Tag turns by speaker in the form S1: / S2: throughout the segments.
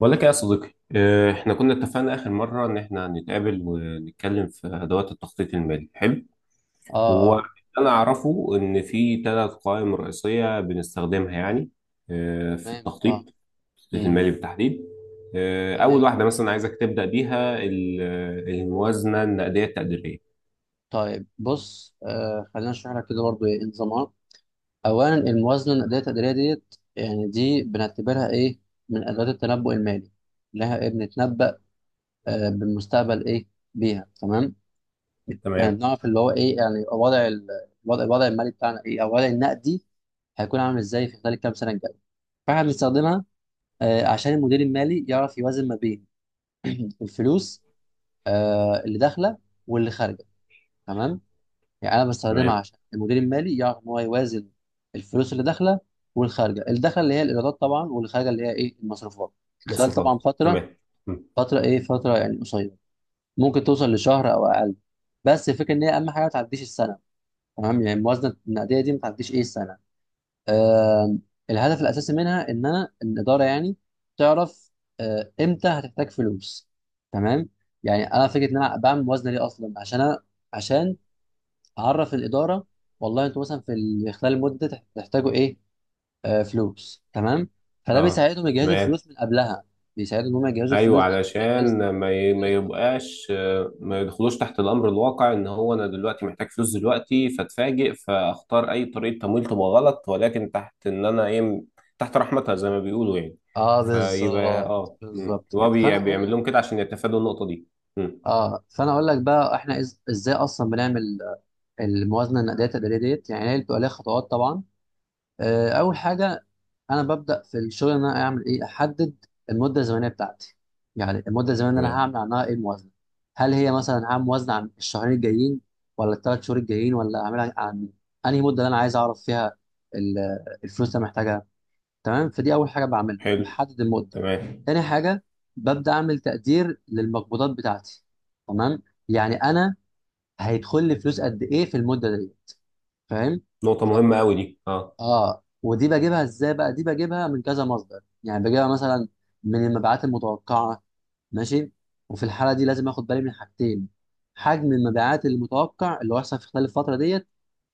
S1: بقول لك إيه يا صديقي
S2: يا
S1: احنا
S2: غالي.
S1: كنا اتفقنا اخر مره ان احنا هنتقابل ونتكلم في ادوات التخطيط المالي. حلو.
S2: اه.
S1: هو انا اعرفه ان في ثلاث قوائم رئيسيه بنستخدمها يعني في
S2: تمام،
S1: التخطيط.
S2: اه. امم.
S1: المالي بالتحديد. اول
S2: تمام.
S1: واحده مثلا عايزك تبدا بيها الموازنه النقديه التقديريه.
S2: طيب، بص، خلينا نشرح لك كده برضو ايه نظامها. اولا الموازنه الادائيه التقديريه ديت، يعني دي بنعتبرها ايه، من ادوات التنبؤ المالي. لها ايه بنتنبأ؟ بالمستقبل، ايه بيها. تمام. يعني
S1: تمام.
S2: بنعرف اللي هو ايه، يعني يبقى وضع ال- الوضع الوضع المالي بتاعنا ايه، او الوضع النقدي، هيكون عامل ازاي في خلال الكام سنه الجايه. فاحنا بنستخدمها عشان المدير المالي يعرف يوازن ما بين الفلوس، اللي داخله واللي خارجه. تمام. يعني انا بستخدمها
S1: تمام.
S2: عشان المدير المالي يعرف ان هو يوازن الفلوس اللي داخله والخارجه، الدخل اللي هي الايرادات طبعا، والخارجه اللي هي ايه، المصروفات، خلال طبعا
S1: مصروفات
S2: فتره
S1: تمام. م.
S2: فتره ايه، فتره يعني قصيره، ممكن توصل لشهر او اقل، بس الفكره ان هي اهم حاجه ما تعديش السنه. تمام، يعني الموازنه النقديه دي ما تعديش ايه، السنه. آه. الهدف الاساسي منها ان انا الاداره يعني تعرف امتى هتحتاج فلوس. تمام. يعني انا فكره ان انا بعمل موازنه ليه اصلا، عشان عشان هعرف الاداره، والله انتوا مثلا خلال المده تحتاجوا ايه، فلوس. تمام. فده
S1: اه.
S2: بيساعدهم يجهزوا
S1: تمام.
S2: الفلوس من قبلها، بيساعدهم ان هم يجهزوا
S1: ايوه
S2: الفلوس دي. ايه
S1: علشان
S2: الصح، إيه
S1: ما
S2: الصح.
S1: يبقاش، ما يدخلوش تحت الامر الواقع ان هو انا دلوقتي محتاج فلوس دلوقتي فاتفاجئ فاختار اي طريقه تمويل تبقى غلط، ولكن تحت ان انا ايه تحت رحمتها زي ما بيقولوا يعني.
S2: اه،
S1: فيبقى
S2: بالظبط،
S1: اه،
S2: بالظبط
S1: هو
S2: كده. فانا اقول
S1: بيعمل
S2: لك.
S1: لهم كده عشان يتفادوا النقطه دي. مم.
S2: بقى احنا ازاي اصلا بنعمل الموازنه النقديه التقديريه ديت. يعني هي بتبقى ليها خطوات طبعا. اول حاجه، انا ببدا في الشغل ان انا اعمل ايه، احدد المده الزمنيه بتاعتي. يعني المده الزمنيه اللي انا
S1: تمام.
S2: هعمل عنها ايه، الموازنه. هل هي مثلا هعمل موازنه عن الشهرين الجايين، ولا الثلاث شهور الجايين، ولا اعملها عن انهي مده اللي انا عايز اعرف فيها ال- الفلوس اللي أنا محتاجها؟ تمام. فدي اول حاجه بعملها،
S1: حلو.
S2: بحدد المده.
S1: تمام.
S2: تاني حاجه، ببدا اعمل تقدير للمقبوضات بتاعتي. تمام. يعني انا هيدخل لي فلوس قد ايه في المده ديت؟ فاهم.
S1: نقطه مهمه قوي دي اه.
S2: اه، ودي بجيبها ازاي بقى؟ دي بجيبها من كذا مصدر، يعني بجيبها مثلا من المبيعات المتوقعه. ماشي. وفي الحاله دي لازم اخد بالي من حاجتين: حجم المبيعات المتوقع اللي هو هيحصل في خلال الفتره ديت،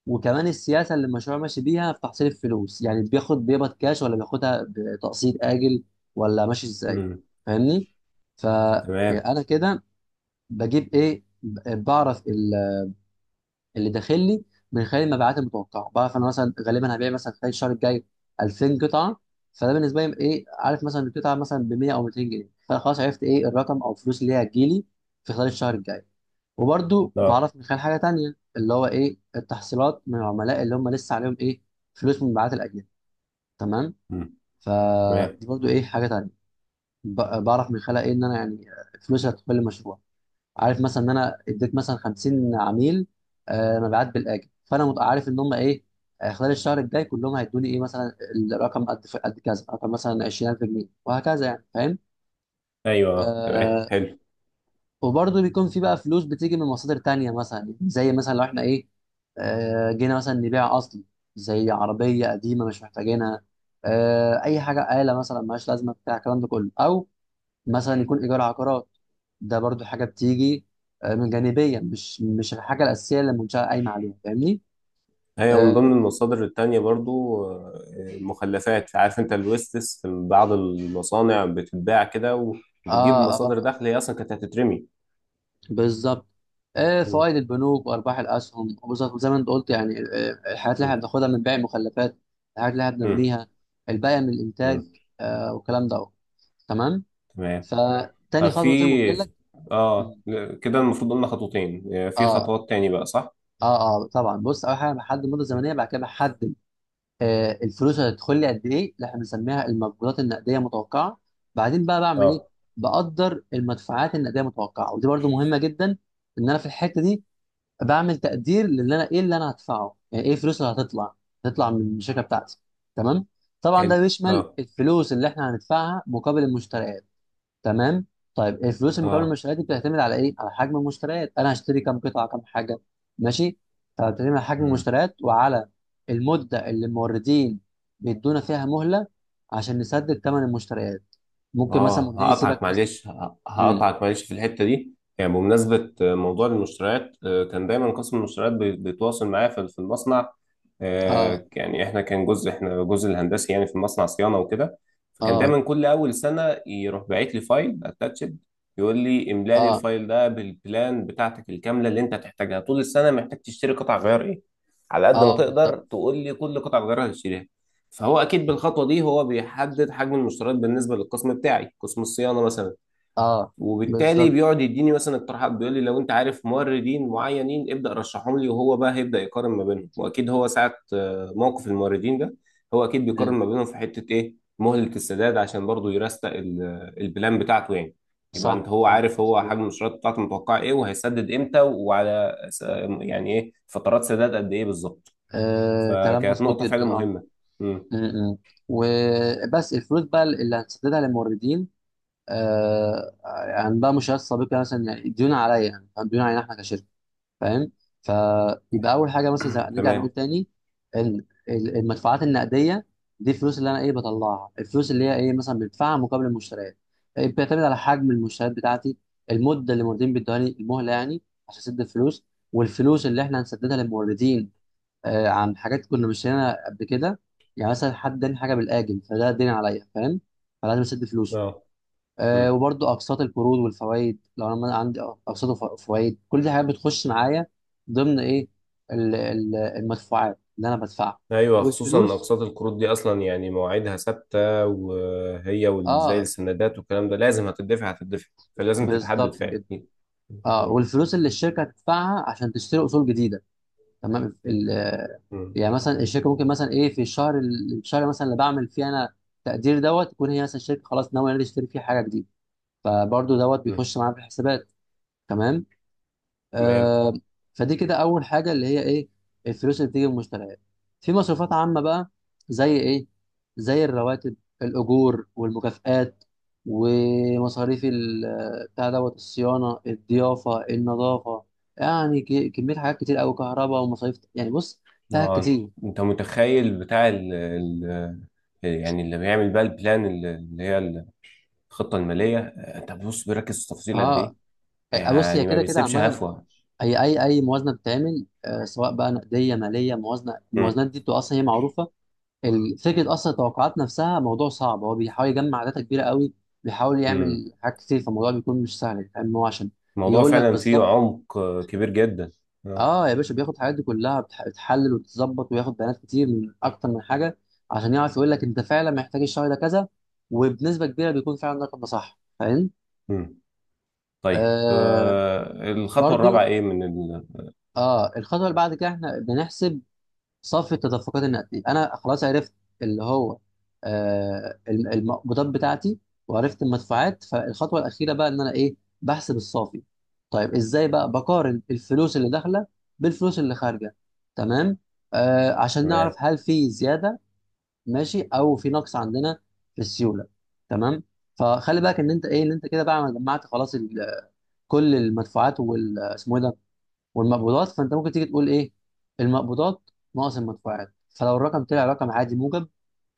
S2: وكمان السياسه اللي المشروع ماشي بيها في تحصيل الفلوس، يعني بياخد بيقبض كاش ولا بياخدها بتقسيط اجل، ولا ماشي ازاي.
S1: مم.
S2: فاهمني؟ ف يعني
S1: تمام.
S2: انا كده بجيب ايه، بعرف اللي داخل لي من خلال المبيعات المتوقعه. بعرف انا مثلا غالبا هبيع مثلا خلال الشهر الجاي 2000 قطعه، فده بالنسبه لي ايه، عارف مثلا القطعه مثلا ب 100 او 200 جنيه، فخلاص عرفت ايه، الرقم او الفلوس اللي هي هتجيلي في خلال الشهر الجاي. وبرده
S1: اه.
S2: بعرف من خلال حاجه تانيه اللي هو ايه، التحصيلات من العملاء اللي هم لسه عليهم ايه، فلوس من مبيعات الاجنبي. تمام.
S1: مم. تمام.
S2: فدي برضو ايه، حاجه تانيه. بعرف من خلال ايه، ان انا يعني فلوس هتدخل المشروع. عارف مثلا ان انا اديت مثلا 50 عميل مبيعات بالاجل، فانا عارف ان هم ايه خلال الشهر الجاي كلهم هيدوني ايه مثلا، الرقم قد كذا، رقم مثلا 20,000 جنيه، وهكذا. يعني فاهم.
S1: ايوه تمام.
S2: آه.
S1: حلو.
S2: وبرضه بيكون في بقى فلوس بتيجي من مصادر تانية، مثلا يعني زي مثلا لو احنا ايه، جينا مثلا نبيع اصلي زي عربية قديمة مش محتاجينها، اي حاجة، آلة مثلا ملهاش لازمة، بتاع الكلام ده كله، او مثلا يكون ايجار عقارات. ده برضو حاجه بتيجي من جانبيه، مش الحاجه الاساسيه اللي المنشاه قايمه عليها. فاهمني.
S1: هي من ضمن
S2: اه
S1: المصادر التانية برضو، المخلفات عارف انت الويستس في بعض المصانع بتتباع كده وبتجيب
S2: اه,
S1: مصادر
S2: آه
S1: دخل هي اصلا كانت هتترمي.
S2: بالظبط.
S1: مم.
S2: فوائد البنوك وارباح الاسهم، وبالظبط زي ما انت قلت يعني، الحاجات اللي احنا
S1: مم.
S2: بناخدها من بيع المخلفات، الحاجات اللي احنا
S1: مم.
S2: بنرميها، الباقي من
S1: مم.
S2: الانتاج، والكلام ده أهو. تمام.
S1: تمام.
S2: فتاني
S1: طب
S2: خطوه زي ما قلت لك.
S1: في، اه، كده المفروض قلنا خطوتين، في
S2: اه
S1: خطوات تاني بقى صح؟
S2: اه طبعا، بص، اول حاجه بحدد المده
S1: مم.
S2: الزمنيه، بعد كده بحدد الفلوس هتدخل لي قد ايه، اللي احنا بنسميها المقبوضات النقديه متوقعه. بعدين بقى بعمل ايه؟
S1: اه.
S2: بقدر المدفوعات النقديه متوقعه. ودي برضو مهمه جدا، ان انا في الحته دي بعمل تقدير للي انا ايه، اللي انا هدفعه، يعني ايه، الفلوس اللي هتطلع، من الشركه بتاعتي. تمام. طبعا
S1: حلو.
S2: ده بيشمل
S1: اه.
S2: الفلوس اللي احنا هندفعها مقابل المشتريات. تمام. طيب الفلوس المقابل
S1: اه.
S2: المشتريات دي بتعتمد على ايه؟ على حجم المشتريات. انا هشتري كام قطعه، كام حاجه. ماشي. فبتعتمد على حجم المشتريات، وعلى المده اللي الموردين بيدونا فيها مهله عشان نسدد ثمن المشتريات. ممكن مثلا
S1: اه
S2: موردين يسيبك
S1: هقطعك
S2: مثلا.
S1: معلش،
S2: امم.
S1: هقطعك معلش في الحته دي يعني بمناسبه موضوع المشتريات، كان دايما قسم المشتريات بيتواصل معايا في المصنع،
S2: اه
S1: يعني احنا كان جزء، احنا جزء الهندسي يعني في المصنع صيانه وكده. فكان
S2: اه
S1: دايما كل اول سنه يروح باعت لي فايل اتاتشد يقول لي املا لي
S2: اه
S1: الفايل ده بالبلان بتاعتك الكامله اللي انت هتحتاجها طول السنه. محتاج تشتري قطع غيار ايه؟ على قد ما
S2: اه
S1: تقدر
S2: بالظبط،
S1: تقول لي كل قطع غيار هتشتريها. فهو اكيد بالخطوه دي هو بيحدد حجم المشتريات بالنسبه للقسم بتاعي قسم الصيانه مثلا.
S2: اه،
S1: وبالتالي
S2: بالظبط.
S1: بيقعد يديني مثلا اقتراحات بيقول لي لو انت عارف موردين معينين ابدا رشحهم لي، وهو بقى هيبدا يقارن ما بينهم. واكيد هو ساعه موقف الموردين ده هو اكيد بيقارن
S2: مم.
S1: ما بينهم في حته ايه مهله السداد عشان برضه يرستق البلان بتاعته يعني. يبقى انت،
S2: صح،
S1: هو
S2: صح،
S1: عارف هو
S2: مظبوط.
S1: حجم المشتريات بتاعته متوقع ايه وهيسدد امتى وعلى يعني ايه فترات سداد قد ايه بالظبط.
S2: آه كلام
S1: فكانت
S2: مظبوط
S1: نقطه فعلا
S2: جدا. اه.
S1: مهمه. امم.
S2: م- م. وبس، الفلوس بقى اللي هنسددها للموردين، آه عندها مشكلات سابقه، مثلا يعني ديون عليا، يعني فاهم؟ ديون علينا احنا كشركه. فاهم. فيبقى اول حاجه، مثلا زي نرجع
S1: تمام.
S2: نقول تاني، ان المدفوعات النقديه دي الفلوس اللي انا ايه، بطلعها، الفلوس اللي هي ايه مثلا، بدفعها مقابل المشتريات. إيه، بتعتمد على حجم المشتريات بتاعتي، المده اللي الموردين بيدوهاني المهله يعني عشان اسد الفلوس، والفلوس اللي احنا هنسددها للموردين عن حاجات كنا مشترينها قبل كده. يعني مثلا حد اداني حاجه بالاجل، فده دين عليا، فاهم، فلازم اسد فلوسه.
S1: اه. مم.
S2: وبرضو اقساط القروض والفوائد، لو انا عندي اقساط وفوائد، كل دي حاجات بتخش معايا ضمن ايه، المدفوعات اللي انا بدفعها.
S1: ايوه خصوصا ان
S2: والفلوس.
S1: اقساط القروض دي اصلا يعني مواعيدها ثابته، وهي زي
S2: اه،
S1: السندات والكلام ده لازم هتدفع هتدفع. فلازم تتحدد
S2: بالظبط
S1: فعلا.
S2: كده. اه
S1: مم.
S2: والفلوس اللي الشركه هتدفعها عشان تشتري اصول جديده. تمام.
S1: مم.
S2: يعني مثلا الشركه ممكن مثلا ايه، في الشهر الشهر مثلا اللي بعمل فيه انا تقدير دوت، تكون هي مثلا الشركه خلاص ناويه إن هي تشتري فيه حاجه جديده، فبرضو دوت
S1: مم.
S2: بيخش معايا في الحسابات. تمام.
S1: تمام.
S2: آه. فدي كده اول حاجه اللي هي ايه، الفلوس اللي بتيجي من المشتريات. في مصروفات عامه بقى، زي ايه، زي الرواتب، الاجور والمكافآت، ومصاريف بتاع دوت، الصيانه، الضيافه، النظافه. يعني كميه حاجات كتير قوي، كهرباء ومصاريف، يعني بص، فيها
S1: اه.
S2: كتير.
S1: انت متخيل بتاع ال ال يعني اللي بيعمل بقى البلان اللي هي الخطه الماليه، طب بص بيركز في التفاصيل قد ايه؟
S2: اه. بص هي
S1: يعني ما
S2: كده كده
S1: بيسيبش
S2: عامه.
S1: هفوه.
S2: اي موازنه بتتعمل، سواء بقى نقديه، ماليه، موازنه،
S1: مم.
S2: الموازنات دي بتبقى اصلا هي معروفه. فكره اصلا التوقعات نفسها موضوع صعب. هو بيحاول يجمع داتا كبيره قوي، بيحاول
S1: مم.
S2: يعمل حاجات كتير، فالموضوع بيكون مش سهل، فاهم، هو عشان
S1: الموضوع
S2: يقول لك
S1: فعلا فيه
S2: بالظبط.
S1: عمق كبير جدا. اه.
S2: اه يا باشا، بياخد الحاجات دي كلها، بتحلل وتتظبط وياخد بيانات كتير من اكتر من حاجه، عشان يعرف يقول لك انت فعلا محتاج الشهر ده كذا، وبنسبه كبيره بيكون فعلا الرقم ده صح. فاهم.
S1: مم. طيب
S2: آه
S1: الخطوة الرابعة
S2: برضو
S1: ايه من
S2: اه الخطوه اللي بعد كده احنا بنحسب صف التدفقات النقديه. انا خلاص عرفت اللي هو المقبوضات بتاعتي، وعرفت المدفوعات، فالخطوه الاخيره بقى ان انا ايه، بحسب الصافي. طيب ازاي بقى؟ بقارن الفلوس اللي داخله بالفلوس اللي خارجه. تمام، عشان
S1: تمام.
S2: نعرف هل في زياده ماشي، او في نقص عندنا في السيوله. تمام. فخلي بالك ان انت ايه، ان انت كده بقى جمعت خلاص كل المدفوعات وال، اسمه إيه ده، والمقبوضات. فانت ممكن تيجي تقول ايه، المقبوضات ناقص المدفوعات. فلو الرقم طلع رقم عادي موجب،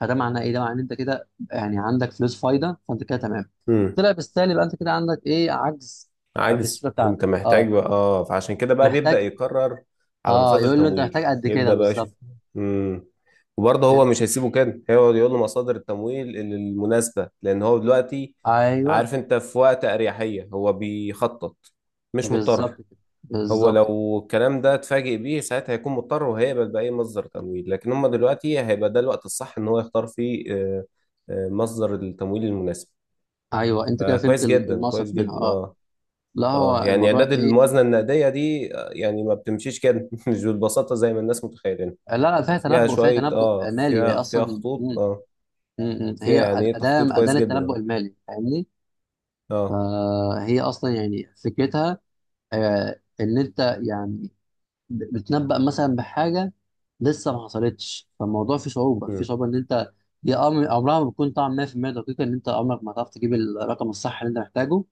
S2: فده معناه ايه، ده معناه ان انت كده يعني عندك فلوس فايده، فانت كده تمام.
S1: مم.
S2: طلع بالسالب يبقى انت كده عندك ايه، عجز في
S1: عجز
S2: الصوره
S1: وانت
S2: بتاعتك.
S1: محتاج
S2: اه.
S1: بقى. اه فعشان كده بقى بيبدأ
S2: محتاج.
S1: يقرر على
S2: اه
S1: مصادر
S2: يقول له انت محتاج
S1: تمويل
S2: قد كده
S1: يبدأ بقى يشوف.
S2: بالظبط.
S1: مم. وبرضه هو
S2: فهمت.
S1: مش هيسيبه كده، هيقعد يقول له مصادر التمويل المناسبة، لأن هو دلوقتي
S2: ايوه
S1: عارف انت في وقت أريحية هو بيخطط. مش
S2: بالظبط
S1: مضطر.
S2: كده،
S1: هو
S2: بالظبط كده.
S1: لو الكلام ده اتفاجئ بيه ساعتها هيكون مضطر وهيقبل بأي مصدر تمويل، لكن هم دلوقتي هيبقى ده الوقت الصح ان هو يختار فيه مصدر التمويل المناسب.
S2: ايوه انت كده فهمت
S1: فكويس جدا،
S2: المقصد
S1: كويس
S2: منها.
S1: جدا.
S2: اه.
S1: اه.
S2: لا، هو
S1: اه يعني
S2: الموضوع
S1: اعداد
S2: ايه.
S1: الموازنة النقدية دي، يعني ما بتمشيش كده مش بالبساطة زي ما الناس متخيلين.
S2: لا لا فيها
S1: فيها
S2: تنبؤ، فيها
S1: شوية،
S2: تنبؤ
S1: اه،
S2: مالي، هي
S1: فيها
S2: اصلا
S1: خطوط، اه، فيها
S2: هي
S1: يعني ايه
S2: أداة
S1: تخطيط
S2: أداة
S1: كويس جدا.
S2: للتنبؤ
S1: اه.
S2: المالي، فاهمني؟
S1: اه.
S2: فهي أصلا يعني فكرتها إن أنت يعني بتنبأ مثلا بحاجة لسه ما حصلتش، فالموضوع فيه صعوبة،
S1: مم.
S2: إن أنت هي أمر عمرها ما بتكون طبعا 100% دقيقة، إن أنت عمرك ما هتعرف تجيب الرقم الصح اللي أنت محتاجه.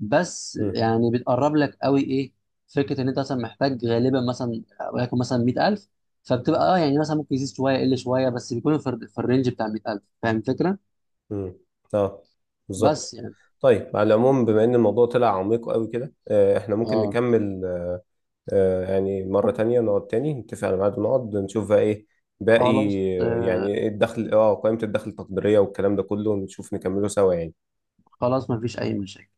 S2: بس
S1: مم.
S2: يعني بتقرب لك قوي إيه، فكرة إن أنت مثلا محتاج غالبا مثلا وليكن مثلا 100,000. فبتبقى اه يعني مثلا ممكن يزيد شوية يقل شوية، بس بيكون في الرينج بتاع 100,000. فاهم الفكرة؟
S1: امم. اه.
S2: بس
S1: بالظبط.
S2: يعني.
S1: طيب على العموم بما ان الموضوع طلع عميق قوي كده، احنا ممكن
S2: اه.
S1: نكمل يعني مرة تانية. نقعد تاني نتفق على ميعاد ونقعد نشوف بقى ايه باقي.
S2: خلاص، آه،
S1: يعني ايه الدخل، اه قائمة الدخل التقديرية والكلام ده كله، ونشوف نكمله سوا يعني.
S2: خلاص مفيش أي مشاكل.